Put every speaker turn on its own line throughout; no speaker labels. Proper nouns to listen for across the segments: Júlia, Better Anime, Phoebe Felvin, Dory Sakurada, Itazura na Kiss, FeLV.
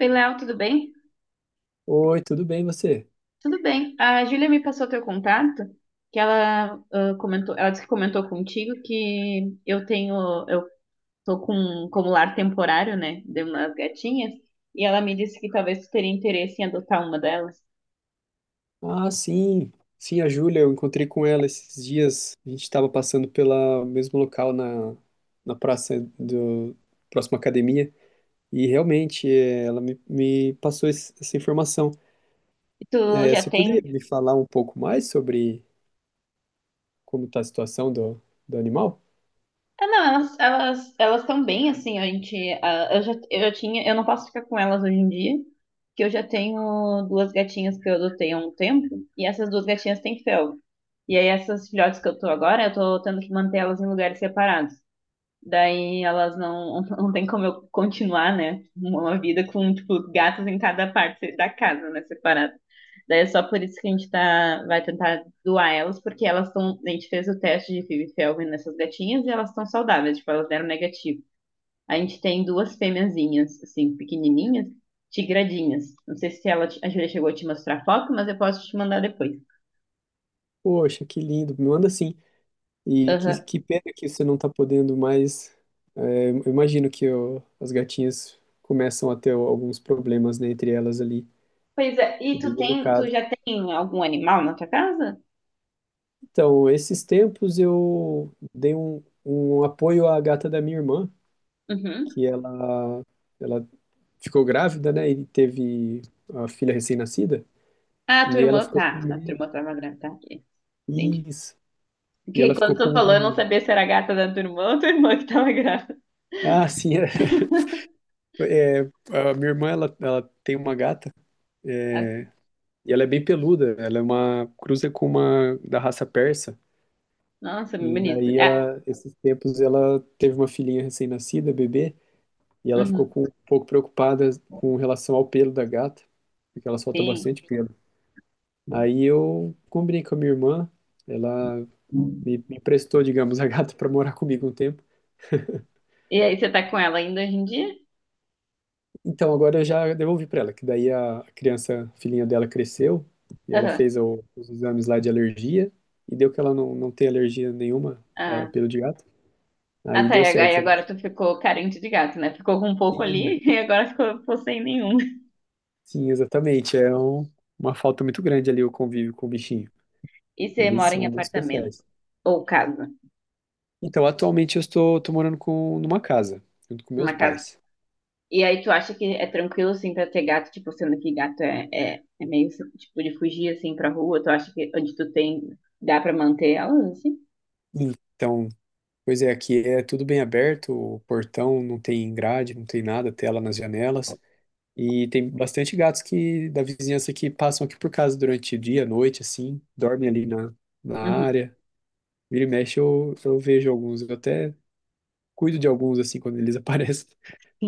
Oi, Léo, tudo bem?
Oi, tudo bem você?
Tudo bem. A Júlia me passou teu contato, que ela comentou, ela disse que comentou contigo que eu tenho, eu tô com como lar temporário, né, de umas gatinhas, e ela me disse que talvez tu teria interesse em adotar uma delas.
Ah, sim. Sim, a Júlia, eu encontrei com ela esses dias. A gente estava passando pelo mesmo local na praça do próxima academia. E realmente, ela me passou essa informação.
E tu
É,
já
você poderia
tem?
me falar um pouco mais sobre como está a situação do animal?
Ah, não, elas estão bem assim, a gente, eu já tinha, eu não posso ficar com elas hoje em dia, que eu já tenho duas gatinhas que eu adotei há um tempo, e essas duas gatinhas têm felve. E aí essas filhotes que eu tô agora, eu tô tendo que manter elas em lugares separados. Daí elas não, não tem como eu continuar, né? Uma vida com, tipo, gatos em cada parte da casa, né? Separado. Daí é só por isso que a gente tá, vai tentar doar elas, porque elas estão. A gente fez o teste de Phoebe Felvin nessas gatinhas e elas estão saudáveis, tipo, elas deram negativo. A gente tem duas fêmeazinhas, assim, pequenininhas, tigradinhas. Não sei se ela, te- a Júlia chegou a te mostrar a foto, mas eu posso te mandar depois.
Poxa, que lindo, me manda sim. E
Aham.
que pena que você não está podendo mais. Eu imagino que as gatinhas começam a ter alguns problemas, né, entre elas ali.
Pois é, e
É bem
tu tem, tu
delicado.
já tem algum animal na tua casa?
Então, esses tempos eu dei um apoio à gata da minha irmã,
Uhum.
que ela ficou grávida, né? E teve a filha recém-nascida.
Ah, a tua
E ela
irmã,
ficou
tá,
com
a tua
medo.
irmã tava grávida, tá, ok, entendi.
Isso. E
Porque
ela
quando
ficou
tu falou, eu não sabia se era a gata da tua irmã ou tua irmã que tava grávida.
Ah, sim. A minha irmã, ela tem uma gata.
Assim,
E ela é bem peluda. Ela é uma cruza com uma da raça persa.
nossa, bem
E
bonito.
daí
Ah,
ela, esses tempos, ela teve uma filhinha recém-nascida, bebê. E ela ficou
uhum,
um pouco preocupada com relação ao pelo da gata, porque ela solta
sim.
bastante pelo. Aí eu combinei com a minha irmã, ela me emprestou, digamos, a gata para morar comigo um tempo.
E aí, você tá com ela ainda hoje em dia?
Então agora eu já devolvi para ela, que daí a filhinha dela cresceu, e ela
Aham.
fez os exames lá de alergia, e deu que ela não tem alergia nenhuma a
Ah,
pelo de gato. Aí
tá,
deu
e
certo.
agora tu ficou carente de gato, né? Ficou com um pouco
Sim,
ali e agora ficou, ficou sem nenhum.
sim, exatamente. É uma falta muito grande ali o convívio com o bichinho.
E você
Eles
mora em
são muito
apartamento
especiais.
ou casa?
Então, atualmente eu estou tô morando com, numa casa, junto com meus
Uma casa.
pais.
E aí tu acha que é tranquilo, assim, pra ter gato, tipo, sendo que gato é, é, é meio, tipo, de fugir, assim, pra rua? Tu acha que onde tu tem, dá pra manter elas, assim?
Então, pois é, aqui é tudo bem aberto, o portão não tem grade, não tem nada, tela nas janelas. E tem bastante gatos que da vizinhança que passam aqui por casa durante o dia, noite, assim, dormem ali na
Uhum.
área. Vira e mexe, eu vejo alguns, eu até cuido de alguns, assim, quando eles aparecem.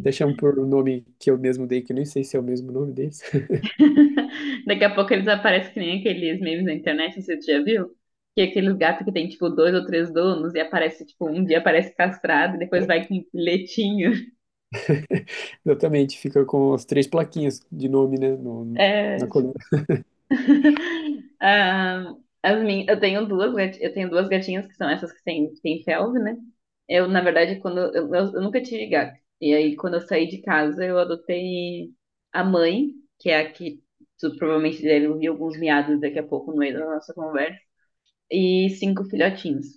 Até chamo por um nome que eu mesmo dei, que eu nem sei se é o mesmo nome deles.
Daqui a pouco eles aparecem que nem aqueles memes na internet, não sei se tu já viu. Que é aqueles gatos que tem, tipo, dois ou três donos e aparece, tipo, um dia aparece castrado e depois vai com um letinho.
Exatamente, fica com as três plaquinhas de nome, né, na
É,
coluna.
ah, as min... Eu tenho duas, gati- eu tenho duas gatinhas que são essas que têm felve, né? Eu, na verdade, quando eu nunca tive gato. E aí, quando eu saí de casa, eu adotei a mãe, que é a que tu provavelmente deve ouvir alguns miados daqui a pouco no meio da nossa conversa, e cinco filhotinhos.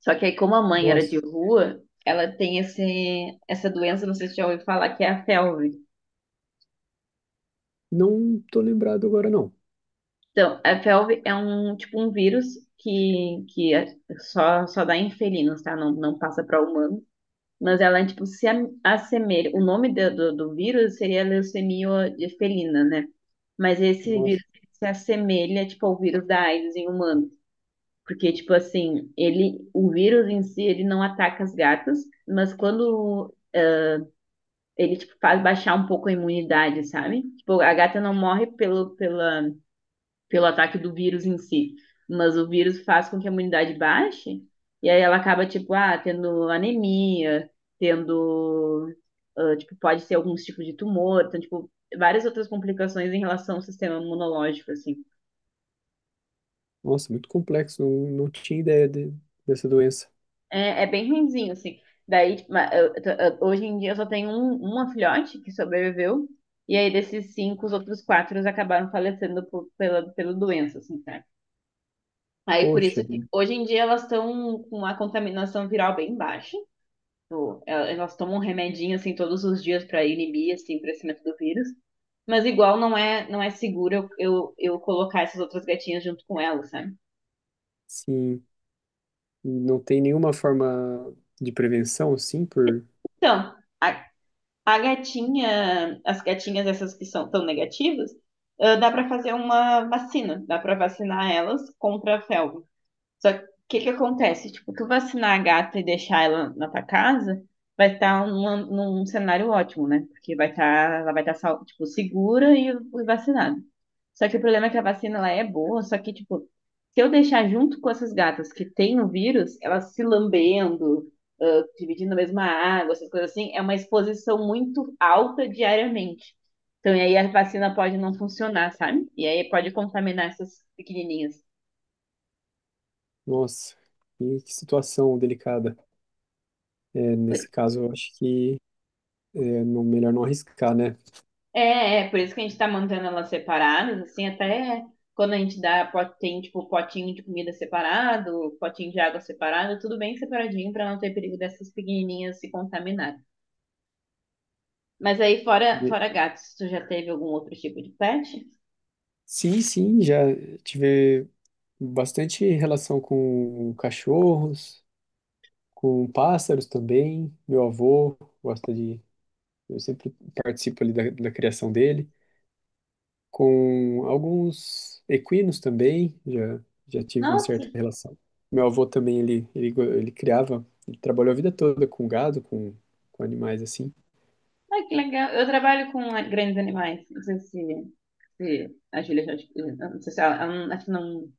Só que aí, como a mãe era
Nossa,
de rua, ela tem esse, essa doença, não sei se você já ouviu falar, que é a felve.
não tô lembrado agora, não.
Então, a FeLV é um tipo um vírus que é- só, só dá em felinos, tá? Não, não passa para humano. Mas ela é tipo se am- assemelha. O nome do, do, do vírus seria leucemia de felina, né? Mas esse vírus
Nossa,
se assemelha tipo ao vírus da AIDS em humano. Porque, tipo assim, ele, o vírus em si, ele não ataca as gatas, mas quando ele, tipo, faz baixar um pouco a imunidade, sabe? Tipo, a gata não morre pelo, pela, pelo ataque do vírus em si. Mas o vírus faz com que a imunidade baixe, e aí ela acaba, tipo, tendo anemia, tendo, tipo, pode ser alguns tipos de tumor, então, tipo, várias outras complicações em relação ao sistema imunológico, assim.
nossa, muito complexo, não, não tinha ideia dessa doença.
É, é bem ruimzinho, assim. Daí, tipo, ma- eu- hoje em dia eu só tenho um, uma filhote que sobreviveu, e aí desses cinco, os outros quatro acabaram falecendo por, pela, pela doença, assim, tá? Aí por
Poxa,
isso que hoje em dia elas estão com uma contaminação viral bem baixa. Tipo, el- elas tomam um remedinho assim todos os dias para inibir assim, o crescimento do vírus. Mas igual não é seguro eu colocar essas outras gatinhas junto com elas, sabe?
sim, e não tem nenhuma forma de prevenção, assim, por...
Então, a gatinha, as gatinhas essas que são tão negativas, dá para fazer uma vacina, dá para vacinar elas contra a felva. Só que o que que acontece? Tipo, tu vacinar a gata e deixar ela na tua casa, vai estar numa- num cenário ótimo, né? Porque vai estar, ela vai estar, sal- tipo, segura e vacinada. Só que o problema é que a vacina, ela é boa, só que, tipo, se eu deixar junto com essas gatas que têm o vírus, elas se lambendo, dividindo a mesma água, essas coisas assim, é uma exposição muito alta diariamente. Então, e aí a vacina pode não funcionar, sabe? E aí pode contaminar essas pequenininhas.
Nossa, que situação delicada. É, nesse caso, eu acho que é melhor não arriscar, né?
É, é, por isso que a gente tá mantendo elas separadas, assim, até quando a gente dá, po- tem, tipo, potinho de comida separado, potinho de água separado, tudo bem separadinho pra não ter perigo dessas pequenininhas se contaminarem. Mas aí, fora,
E-
fora gatos, tu já teve algum outro tipo de pet?
Sim, sim, já tive bastante relação com cachorros, com pássaros também. Meu avô gosta de. Eu sempre participo ali da criação dele. Com alguns equinos também, já tive uma
Nossa,
certa relação. Meu avô também, ele criava, ele trabalhou a vida toda com gado, com animais assim.
ai, que legal. Eu trabalho com a- grandes animais, não sei se, se a Júlia já, te- não sei se ela, ela não- acho que não,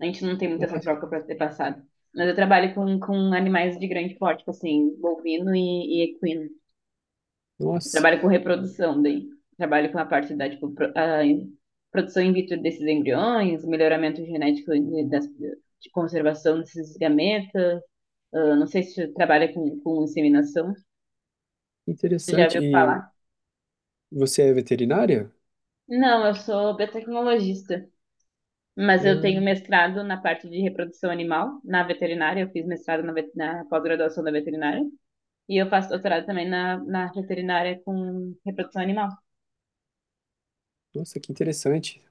a gente não tem muita
Ah,
essa troca pra ter passado. Mas eu trabalho com animais de grande porte, tipo assim, bovino e equino. Eu
nossa,
trabalho com reprodução daí. Trabalho com a parte da tipo, pro- a produção in vitro desses embriões, melhoramento genético de, das, de conservação desses gametas. Ah, não sei se você trabalha com inseminação.
que
Você já
interessante.
ouviu
E
falar?
você é veterinária?
Não, eu sou biotecnologista, mas eu tenho
Ah,
mestrado na parte de reprodução animal, na veterinária. Eu fiz mestrado na, vet- na pós-graduação da veterinária. E eu faço doutorado também na, na veterinária com reprodução animal.
nossa, que interessante.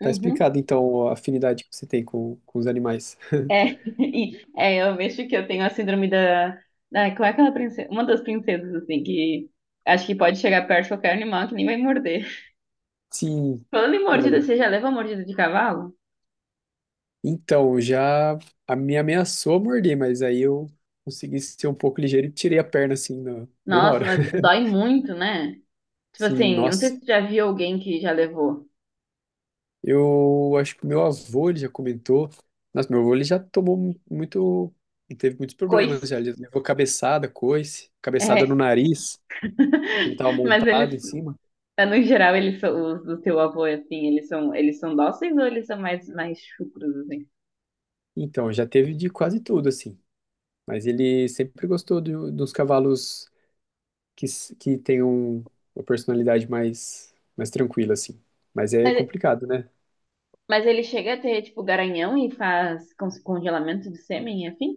Tá
Uhum.
explicado, então, a afinidade que você tem com os animais.
É, e- é, eu mexo que eu tenho a síndrome da. Ah, como é aquela princesa? Uma das princesas, assim, que acho que pode chegar perto de qualquer animal que nem vai morder.
Sim,
Falando em mordida,
olha.
você já leva uma mordida de cavalo?
Então, já a me ameaçou morder, mas aí eu consegui ser um pouco ligeiro e tirei a perna assim, bem na
Nossa,
hora.
mas dói muito, né? Tipo
Sim,
assim, eu não sei
nossa.
se você já viu alguém que já levou
Eu acho que o meu avô, ele já comentou. Nossa, meu avô, ele já tomou muito. Ele teve muitos problemas
coice.
já. Ele levou cabeçada, coice, cabeçada no
É,
nariz. Ele tava
mas
montado em
eles,
cima.
é, no geral, eles são os do teu avô, assim, eles são dóceis ou eles são mais, mais chucros, assim?
Então, já teve de quase tudo, assim. Mas ele sempre gostou dos cavalos que tenham uma personalidade mais, mais tranquila, assim. Mas é
Mas,
complicado, né?
mas ele chega a ter, tipo, garanhão e faz con- congelamento de sêmen, enfim?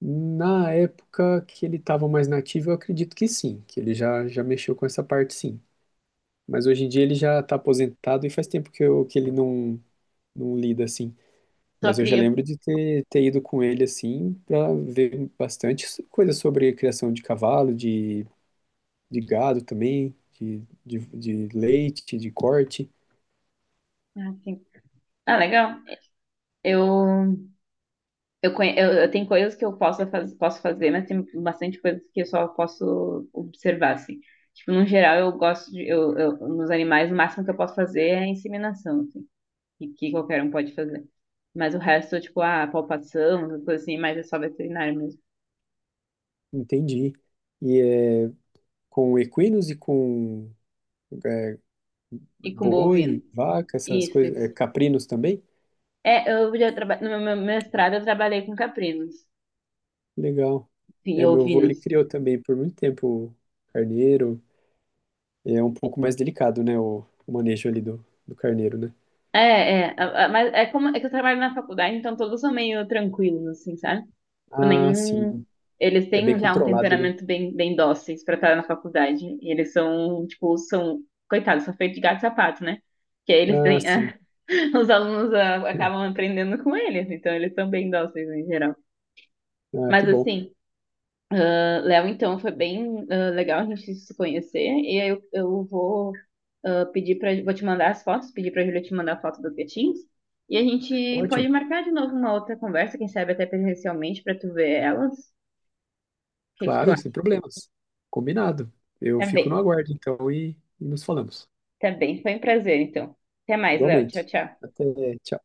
Na época que ele estava mais nativo, eu acredito que sim, que ele já mexeu com essa parte, sim. Mas hoje em dia ele já está aposentado e faz tempo que ele não lida assim.
Só
Mas eu já
cria.
lembro de ter ido com ele assim para ver bastante coisa sobre criação de cavalo, de gado também, de leite, de corte.
Ah, sim. Ah, legal. Eu, eu, conhe- eu tenho coisas que eu posso, faz- posso fazer, mas tem bastante coisas que eu só posso observar, assim. Tipo, no geral, eu gosto de, eu- nos animais, o máximo que eu posso fazer é a inseminação, assim, que qualquer um pode fazer. Mas o resto, tipo, a palpação, essas coisas assim, mas é só veterinário mesmo.
Entendi. E é com equinos e com é,
E com bovino.
boi, vaca, essas
Isso,
coisas, é,
isso.
caprinos também?
É, eu já trabalhei, no meu mestrado eu trabalhei com caprinos
Legal.
e
É, meu avô, ele
ovinos.
criou também por muito tempo carneiro. É um pouco mais delicado, né, o manejo ali do carneiro, né?
É, é, a- mas é como é que eu trabalho na faculdade, então todos são meio tranquilos, assim, sabe? Tipo,
Ah,
nenhum.
sim.
Eles
É
têm
bem
já um
controlado, né?
temperamento bem, bem dóceis pra estar na faculdade. E eles são, tipo, são. Coitados, são feitos de gato e sapato, né? Que aí eles
Ah,
têm.
sim.
Os alunos acabam aprendendo com eles, então eles são bem dóceis em geral.
Ah, que
Mas,
bom.
assim. Léo, então, foi bem legal a gente se conhecer. E aí eu vou pedir para, vou te mandar as fotos, pedir para a Júlia te mandar a foto dos gatinhos. E a gente
Ótimo.
pode marcar de novo uma outra conversa, quem sabe até presencialmente, para tu ver elas. O que que tu
Claro, sem
acha?
problemas. Combinado. Eu
Tá
fico no
bem,
aguardo, então, e nos falamos.
tá bem. Foi um prazer, então. Até mais, Léo. Tchau,
Igualmente.
tchau.
Até. Tchau.